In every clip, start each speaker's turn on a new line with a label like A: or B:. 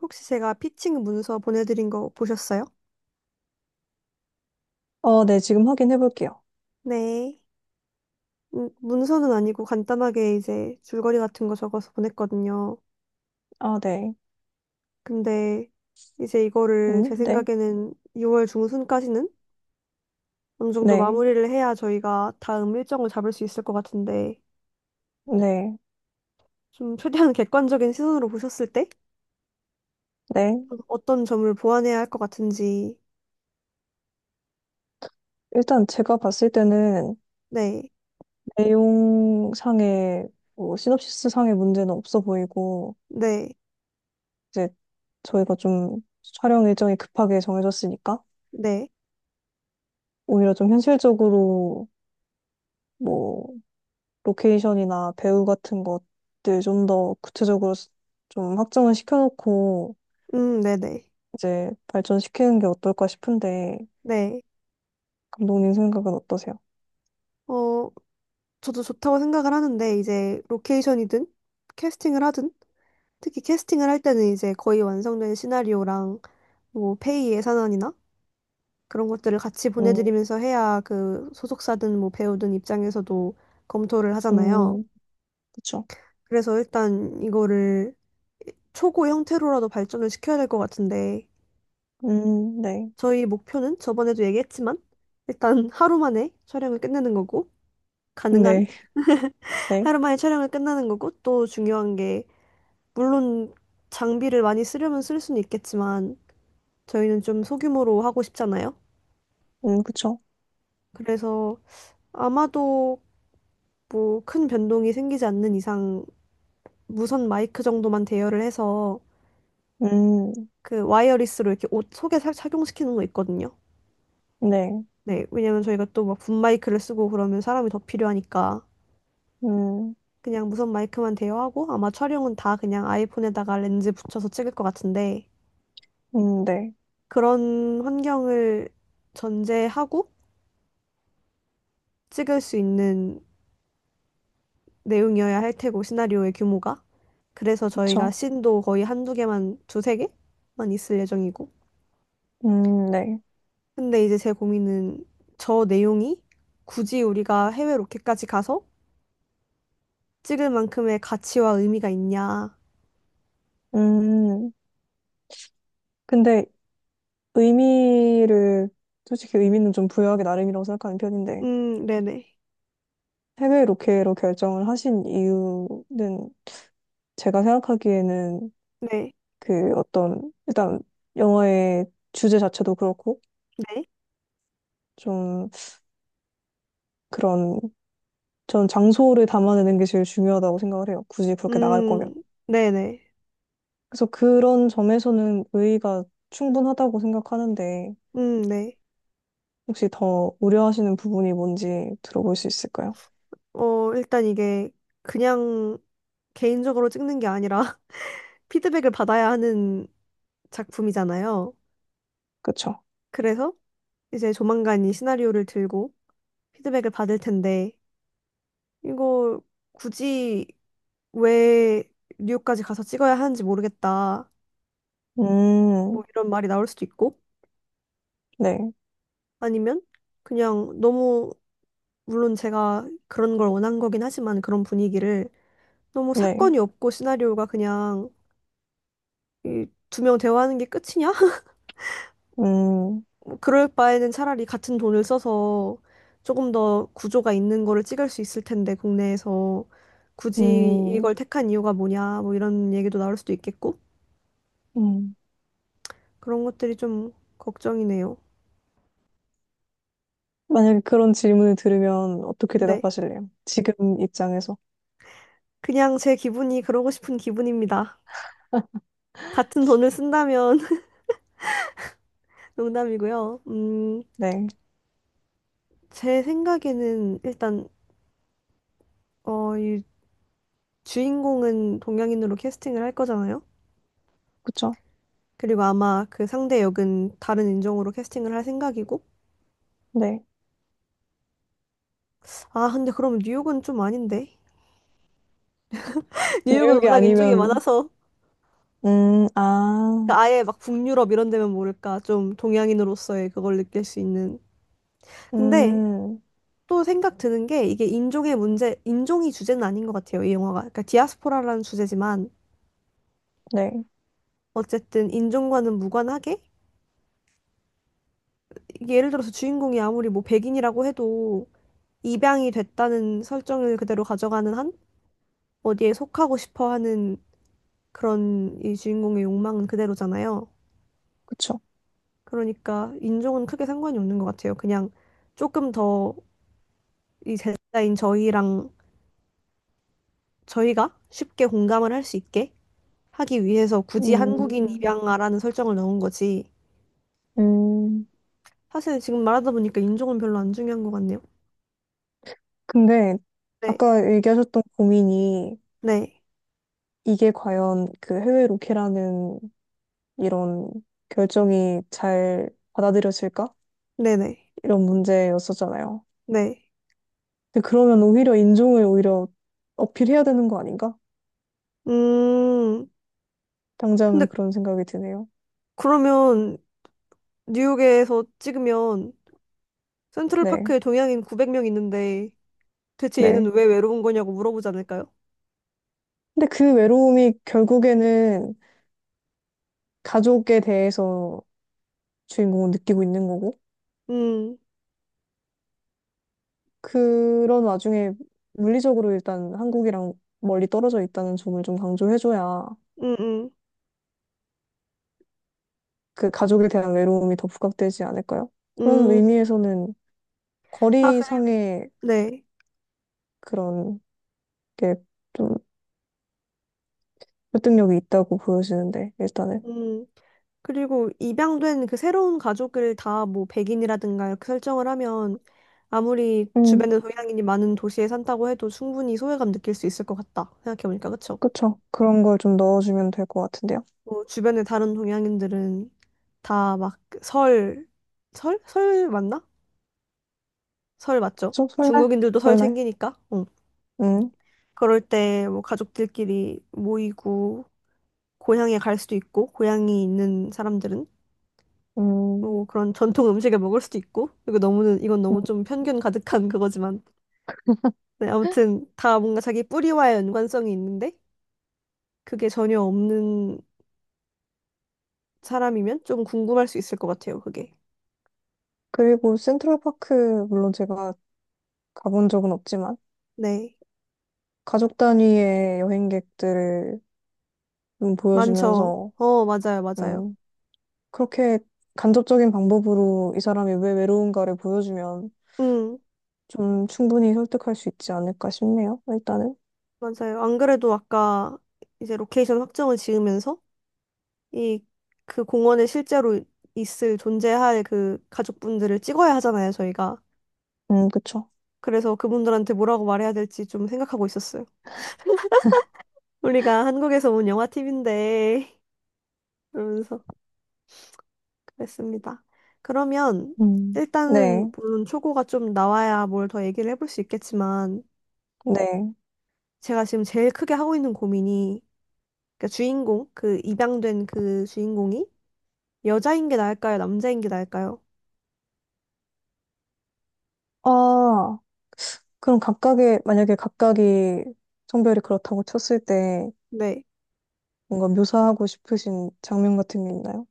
A: 혹시 제가 피칭 문서 보내드린 거 보셨어요?
B: 어, 네, 지금 확인해 볼게요.
A: 네. 문서는 아니고 간단하게 이제 줄거리 같은 거 적어서 보냈거든요.
B: 아, 네.
A: 근데 이제 이거를 제
B: 네.
A: 생각에는 6월 중순까지는 어느 정도
B: 네.
A: 마무리를 해야 저희가 다음 일정을 잡을 수 있을 것 같은데
B: 네.
A: 좀 최대한 객관적인 시선으로 보셨을 때
B: 네.
A: 어떤 점을 보완해야 할 것 같은지.
B: 일단 제가 봤을 때는
A: 네.
B: 내용상의 뭐 시놉시스상의 문제는 없어 보이고
A: 네.
B: 이제 저희가 좀 촬영 일정이 급하게 정해졌으니까
A: 네.
B: 오히려 좀 현실적으로 뭐 로케이션이나 배우 같은 것들 좀 더 구체적으로 좀 확정을 시켜놓고
A: 네네.
B: 이제 발전시키는 게 어떨까 싶은데
A: 네. 네.
B: 감독님 생각은 어떠세요?
A: 어, 저도 좋다고 생각을 하는데 이제 로케이션이든 캐스팅을 하든, 특히 캐스팅을 할 때는 이제 거의 완성된 시나리오랑 뭐 페이 예산안이나 그런 것들을 같이
B: 음,
A: 보내드리면서 해야 그 소속사든 뭐 배우든 입장에서도 검토를 하잖아요.
B: 음. 그쵸.
A: 그래서 일단 이거를 초고 형태로라도 발전을 시켜야 될 것 같은데.
B: 네.
A: 저희 목표는 저번에도 얘기했지만 일단 하루 만에 촬영을 끝내는 거고 가능한
B: 네. 네.
A: 하루 만에 촬영을 끝내는 거고, 또 중요한 게 물론 장비를 많이 쓰려면 쓸 수는 있겠지만 저희는 좀 소규모로 하고 싶잖아요.
B: 그쵸.
A: 그래서 아마도 뭐 큰 변동이 생기지 않는 이상 무선 마이크 정도만 대여를 해서,
B: 음,
A: 그 와이어리스로 이렇게 옷 속에 착용시키는 거 있거든요.
B: 네.
A: 네, 왜냐면 저희가 또 막 붐 마이크를 쓰고 그러면 사람이 더 필요하니까
B: 음,
A: 그냥 무선 마이크만 대여하고, 아마 촬영은 다 그냥 아이폰에다가 렌즈 붙여서 찍을 것 같은데,
B: 네.
A: 그런 환경을 전제하고 찍을 수 있는 내용이어야 할 테고, 시나리오의 규모가. 그래서 저희가
B: 그쵸.
A: 씬도 거의 한두 개만 두세 개만 있을 예정이고.
B: 네.
A: 근데 이제 제 고민은 저 내용이 굳이 우리가 해외 로켓까지 가서 찍을 만큼의 가치와 의미가 있냐.
B: 음, 근데 의미를, 솔직히 의미는 좀 부여하기 나름이라고 생각하는 편인데,
A: 네네.
B: 해외 로케로 결정을 하신 이유는 제가 생각하기에는
A: 네.
B: 그 어떤, 일단 영화의 주제 자체도 그렇고,
A: 네.
B: 좀 그런, 전 장소를 담아내는 게 제일 중요하다고 생각을 해요. 굳이 그렇게 나갈 거면.
A: 음 네네.
B: 그래서 그런 점에서는 의의가 충분하다고 생각하는데
A: 음. 네.
B: 혹시 더 우려하시는 부분이 뭔지 들어볼 수 있을까요?
A: 어, 일단 이게 그냥 개인적으로 찍는 게 아니라 피드백을 받아야 하는 작품이잖아요.
B: 그쵸?
A: 그래서 이제 조만간 이 시나리오를 들고 피드백을 받을 텐데, 이거 굳이 왜 뉴욕까지 가서 찍어야 하는지 모르겠다,
B: 음,
A: 뭐 이런 말이 나올 수도 있고.
B: 네,
A: 아니면 그냥 너무, 물론 제가 그런 걸 원한 거긴 하지만 그런 분위기를, 너무
B: 네,
A: 사건이 없고 시나리오가 그냥 두 명 대화하는 게 끝이냐?
B: 음,
A: 그럴 바에는 차라리 같은 돈을 써서 조금 더 구조가 있는 거를 찍을 수 있을 텐데 국내에서, 굳이
B: 음,
A: 이걸 택한 이유가 뭐냐 뭐 이런 얘기도 나올 수도 있겠고.
B: 음.
A: 그런 것들이 좀 걱정이네요.
B: 만약에 그런 질문을 들으면 어떻게
A: 네.
B: 대답하실래요? 지금 입장에서.
A: 그냥 제 기분이 그러고 싶은 기분입니다. 같은 돈을 쓴다면 농담이고요.
B: 네,
A: 제 생각에는 일단, 어, 이 주인공은 동양인으로 캐스팅을 할 거잖아요.
B: 그쵸?
A: 그리고 아마 그 상대 역은 다른 인종으로 캐스팅을 할 생각이고.
B: 네.
A: 아, 근데 그럼 뉴욕은 좀 아닌데. 뉴욕은
B: 뉴욕이
A: 워낙 인종이
B: 아니면,
A: 많아서,
B: 아,
A: 아예 막 북유럽 이런 데면 모를까. 좀 동양인으로서의 그걸 느낄 수 있는. 근데
B: 음,
A: 또 생각 드는 게, 이게 인종의 문제, 인종이 주제는 아닌 것 같아요, 이 영화가. 그러니까 디아스포라라는 주제지만
B: 네,
A: 어쨌든 인종과는 무관하게, 이게 예를 들어서 주인공이 아무리 뭐 백인이라고 해도 입양이 됐다는 설정을 그대로 가져가는 한 어디에 속하고 싶어 하는 그런 이 주인공의 욕망은 그대로잖아요.
B: 그쵸?
A: 그러니까 인종은 크게 상관이 없는 것 같아요. 그냥 조금 더 이 제자인 저희랑, 저희가 쉽게 공감을 할 수 있게 하기 위해서 굳이 한국인
B: 음,
A: 입양아라는 설정을 넣은 거지.
B: 음.
A: 사실 지금 말하다 보니까 인종은 별로 안 중요한 것 같네요.
B: 근데
A: 네.
B: 아까 얘기하셨던 고민이
A: 네.
B: 이게 과연 그 해외 로케라는 이런 결정이 잘 받아들여질까?
A: 네네.
B: 이런 문제였었잖아요.
A: 네. 네.
B: 근데 그러면 오히려 인종을 오히려 어필해야 되는 거 아닌가?
A: 음, 근데
B: 당장은 그런 생각이 드네요.
A: 그러면 뉴욕에서 찍으면
B: 네,
A: 센트럴파크에 동양인 900명 있는데 대체
B: 네.
A: 얘는 왜 외로운 거냐고 물어보지 않을까요?
B: 근데 그 외로움이 결국에는 가족에 대해서 주인공은 느끼고 있는 거고,
A: 음.
B: 그런 와중에 물리적으로 일단 한국이랑 멀리 떨어져 있다는 점을 좀 강조해줘야
A: 음. 음.
B: 그 가족에 대한 외로움이 더 부각되지 않을까요? 그런
A: 음.
B: 의미에서는
A: 아, 그래요?
B: 거리상의
A: 네.
B: 그런 게 좀 설득력이 있다고 보여지는데, 일단은.
A: 음. 그리고 입양된 그 새로운 가족을 다 뭐 백인이라든가 이렇게 설정을 하면, 아무리
B: 음,
A: 주변에 동양인이 많은 도시에 산다고 해도 충분히 소외감 느낄 수 있을 것 같다. 생각해보니까 그쵸?
B: 그쵸. 그런 걸 좀 넣어주면 될 것 같은데요.
A: 뭐 주변에 다른 동양인들은 다막 그 설, 설? 설 맞나? 설 맞죠?
B: 좀 설날?
A: 중국인들도 설
B: 설날?
A: 챙기니까. 응.
B: 음,
A: 그럴 때 뭐 가족들끼리 모이고 고향에 갈 수도 있고, 고향이 있는 사람들은
B: 음.
A: 뭐 그런 전통 음식을 먹을 수도 있고. 그리고 너무는, 이건 너무 좀 편견 가득한 그거지만, 네, 아무튼 다 뭔가 자기 뿌리와의 연관성이 있는데 그게 전혀 없는 사람이면 좀 궁금할 수 있을 것 같아요, 그게.
B: 그리고 센트럴파크, 물론 제가 가본 적은 없지만,
A: 네.
B: 가족 단위의 여행객들을 좀
A: 많죠.
B: 보여주면서,
A: 어, 맞아요 맞아요.
B: 음, 그렇게 간접적인 방법으로 이 사람이 왜 외로운가를 보여주면
A: 음.
B: 좀 충분히 설득할 수 있지 않을까 싶네요. 일단은.
A: 맞아요. 안 그래도 아까 이제 로케이션 확정을 지으면서 이, 그 공원에 실제로 있을, 존재할 그 가족분들을 찍어야 하잖아요 저희가.
B: 그쵸.
A: 그래서 그분들한테 뭐라고 말해야 될지 좀 생각하고 있었어요. 우리가 한국에서 온 영화 팁인데 그러면서 그랬습니다. 그러면
B: 음. 네,
A: 일단은 물론 초고가 좀 나와야 뭘 더 얘기를 해볼 수 있겠지만,
B: 네.
A: 제가 지금 제일 크게 하고 있는 고민이, 그러니까 주인공, 그 입양된 그 주인공이 여자인 게 나을까요? 남자인 게 나을까요?
B: 아, 그럼 각각의, 만약에 각각이 성별이 그렇다고 쳤을 때
A: 네.
B: 뭔가 묘사하고 싶으신 장면 같은 게 있나요?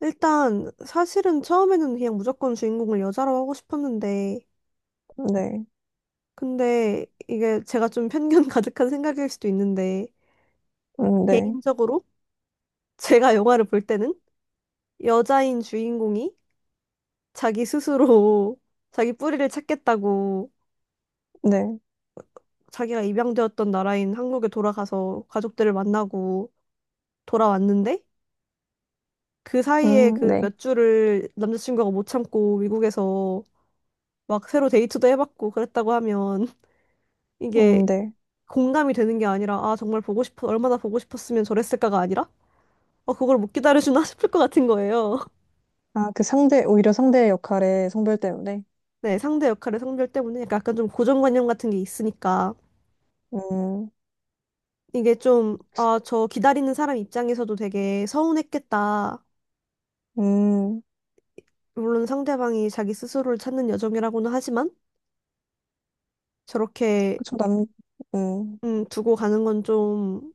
A: 일단 사실은 처음에는 그냥 무조건 주인공을 여자로 하고 싶었는데,
B: 네,
A: 근데 이게 제가 좀 편견 가득한 생각일 수도 있는데,
B: 네,
A: 개인적으로 제가 영화를 볼 때는 여자인 주인공이 자기 스스로 자기 뿌리를 찾겠다고
B: 네,
A: 자기가 입양되었던 나라인 한국에 돌아가서 가족들을 만나고 돌아왔는데, 그 사이에 그
B: 네,
A: 몇 주를 남자친구가 못 참고 미국에서 막 새로 데이트도 해봤고 그랬다고 하면 이게
B: 네.
A: 공감이 되는 게 아니라, 아 정말 보고 싶어 얼마나 보고 싶었으면 저랬을까가 아니라, 어 그걸 못 기다려주나 싶을 것 같은 거예요.
B: 아, 그 상대, 오히려 상대의 역할의 성별 때문에.
A: 네, 상대 역할의 성별 때문에 약간 좀 고정관념 같은 게 있으니까
B: 음,
A: 이게 좀, 아, 저 기다리는 사람 입장에서도 되게 서운했겠다.
B: 음,
A: 물론 상대방이 자기 스스로를 찾는 여정이라고는 하지만 저렇게
B: 그쵸, 음,
A: 두고 가는 건 좀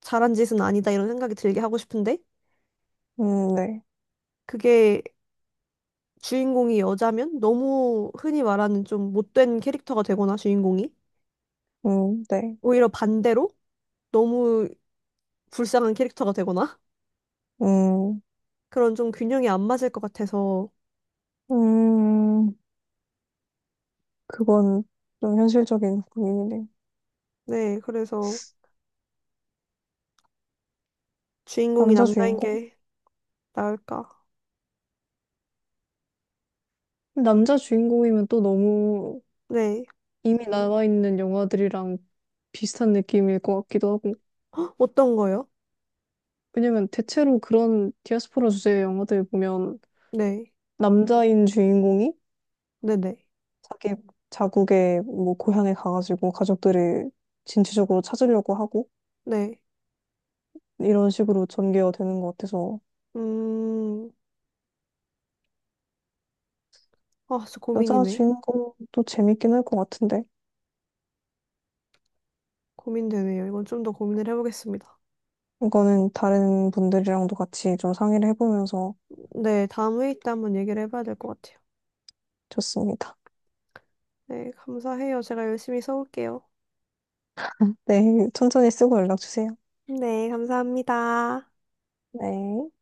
A: 잘한 짓은 아니다, 이런 생각이 들게 하고 싶은데,
B: 네,
A: 그게 주인공이 여자면 너무 흔히 말하는 좀 못된 캐릭터가 되거나, 주인공이
B: 네,
A: 오히려 반대로 너무 불쌍한 캐릭터가 되거나,
B: 음,
A: 그런 좀 균형이 안 맞을 것 같아서.
B: 음. 그건 좀 현실적인 고민이네.
A: 네, 그래서 주인공이
B: 남자
A: 남자인
B: 주인공?
A: 게 나을까?
B: 남자 주인공이면 또 너무
A: 네.
B: 이미 나와 있는 영화들이랑 비슷한 느낌일 것 같기도 하고.
A: 헉, 어떤 거요?
B: 왜냐면 대체로 그런 디아스포라 주제의 영화들 보면
A: 네.
B: 남자인 주인공이
A: 네네.
B: 자기 자국의 뭐 고향에 가가지고 가족들을 진취적으로 찾으려고 하고
A: 네.
B: 이런 식으로 전개가 되는 것 같아서
A: 음, 아, 진짜
B: 여자
A: 고민이네.
B: 주인공도 재밌긴 할 것 같은데
A: 고민되네요. 이건 좀 더 고민을 해보겠습니다.
B: 이거는 다른 분들이랑도 같이 좀 상의를 해보면서
A: 네, 다음 회의 때 한번 얘기를 해봐야 될 것 같아요.
B: 좋습니다.
A: 네, 감사해요. 제가 열심히 써올게요.
B: 네, 천천히 쓰고 연락 주세요.
A: 네, 감사합니다.
B: 네.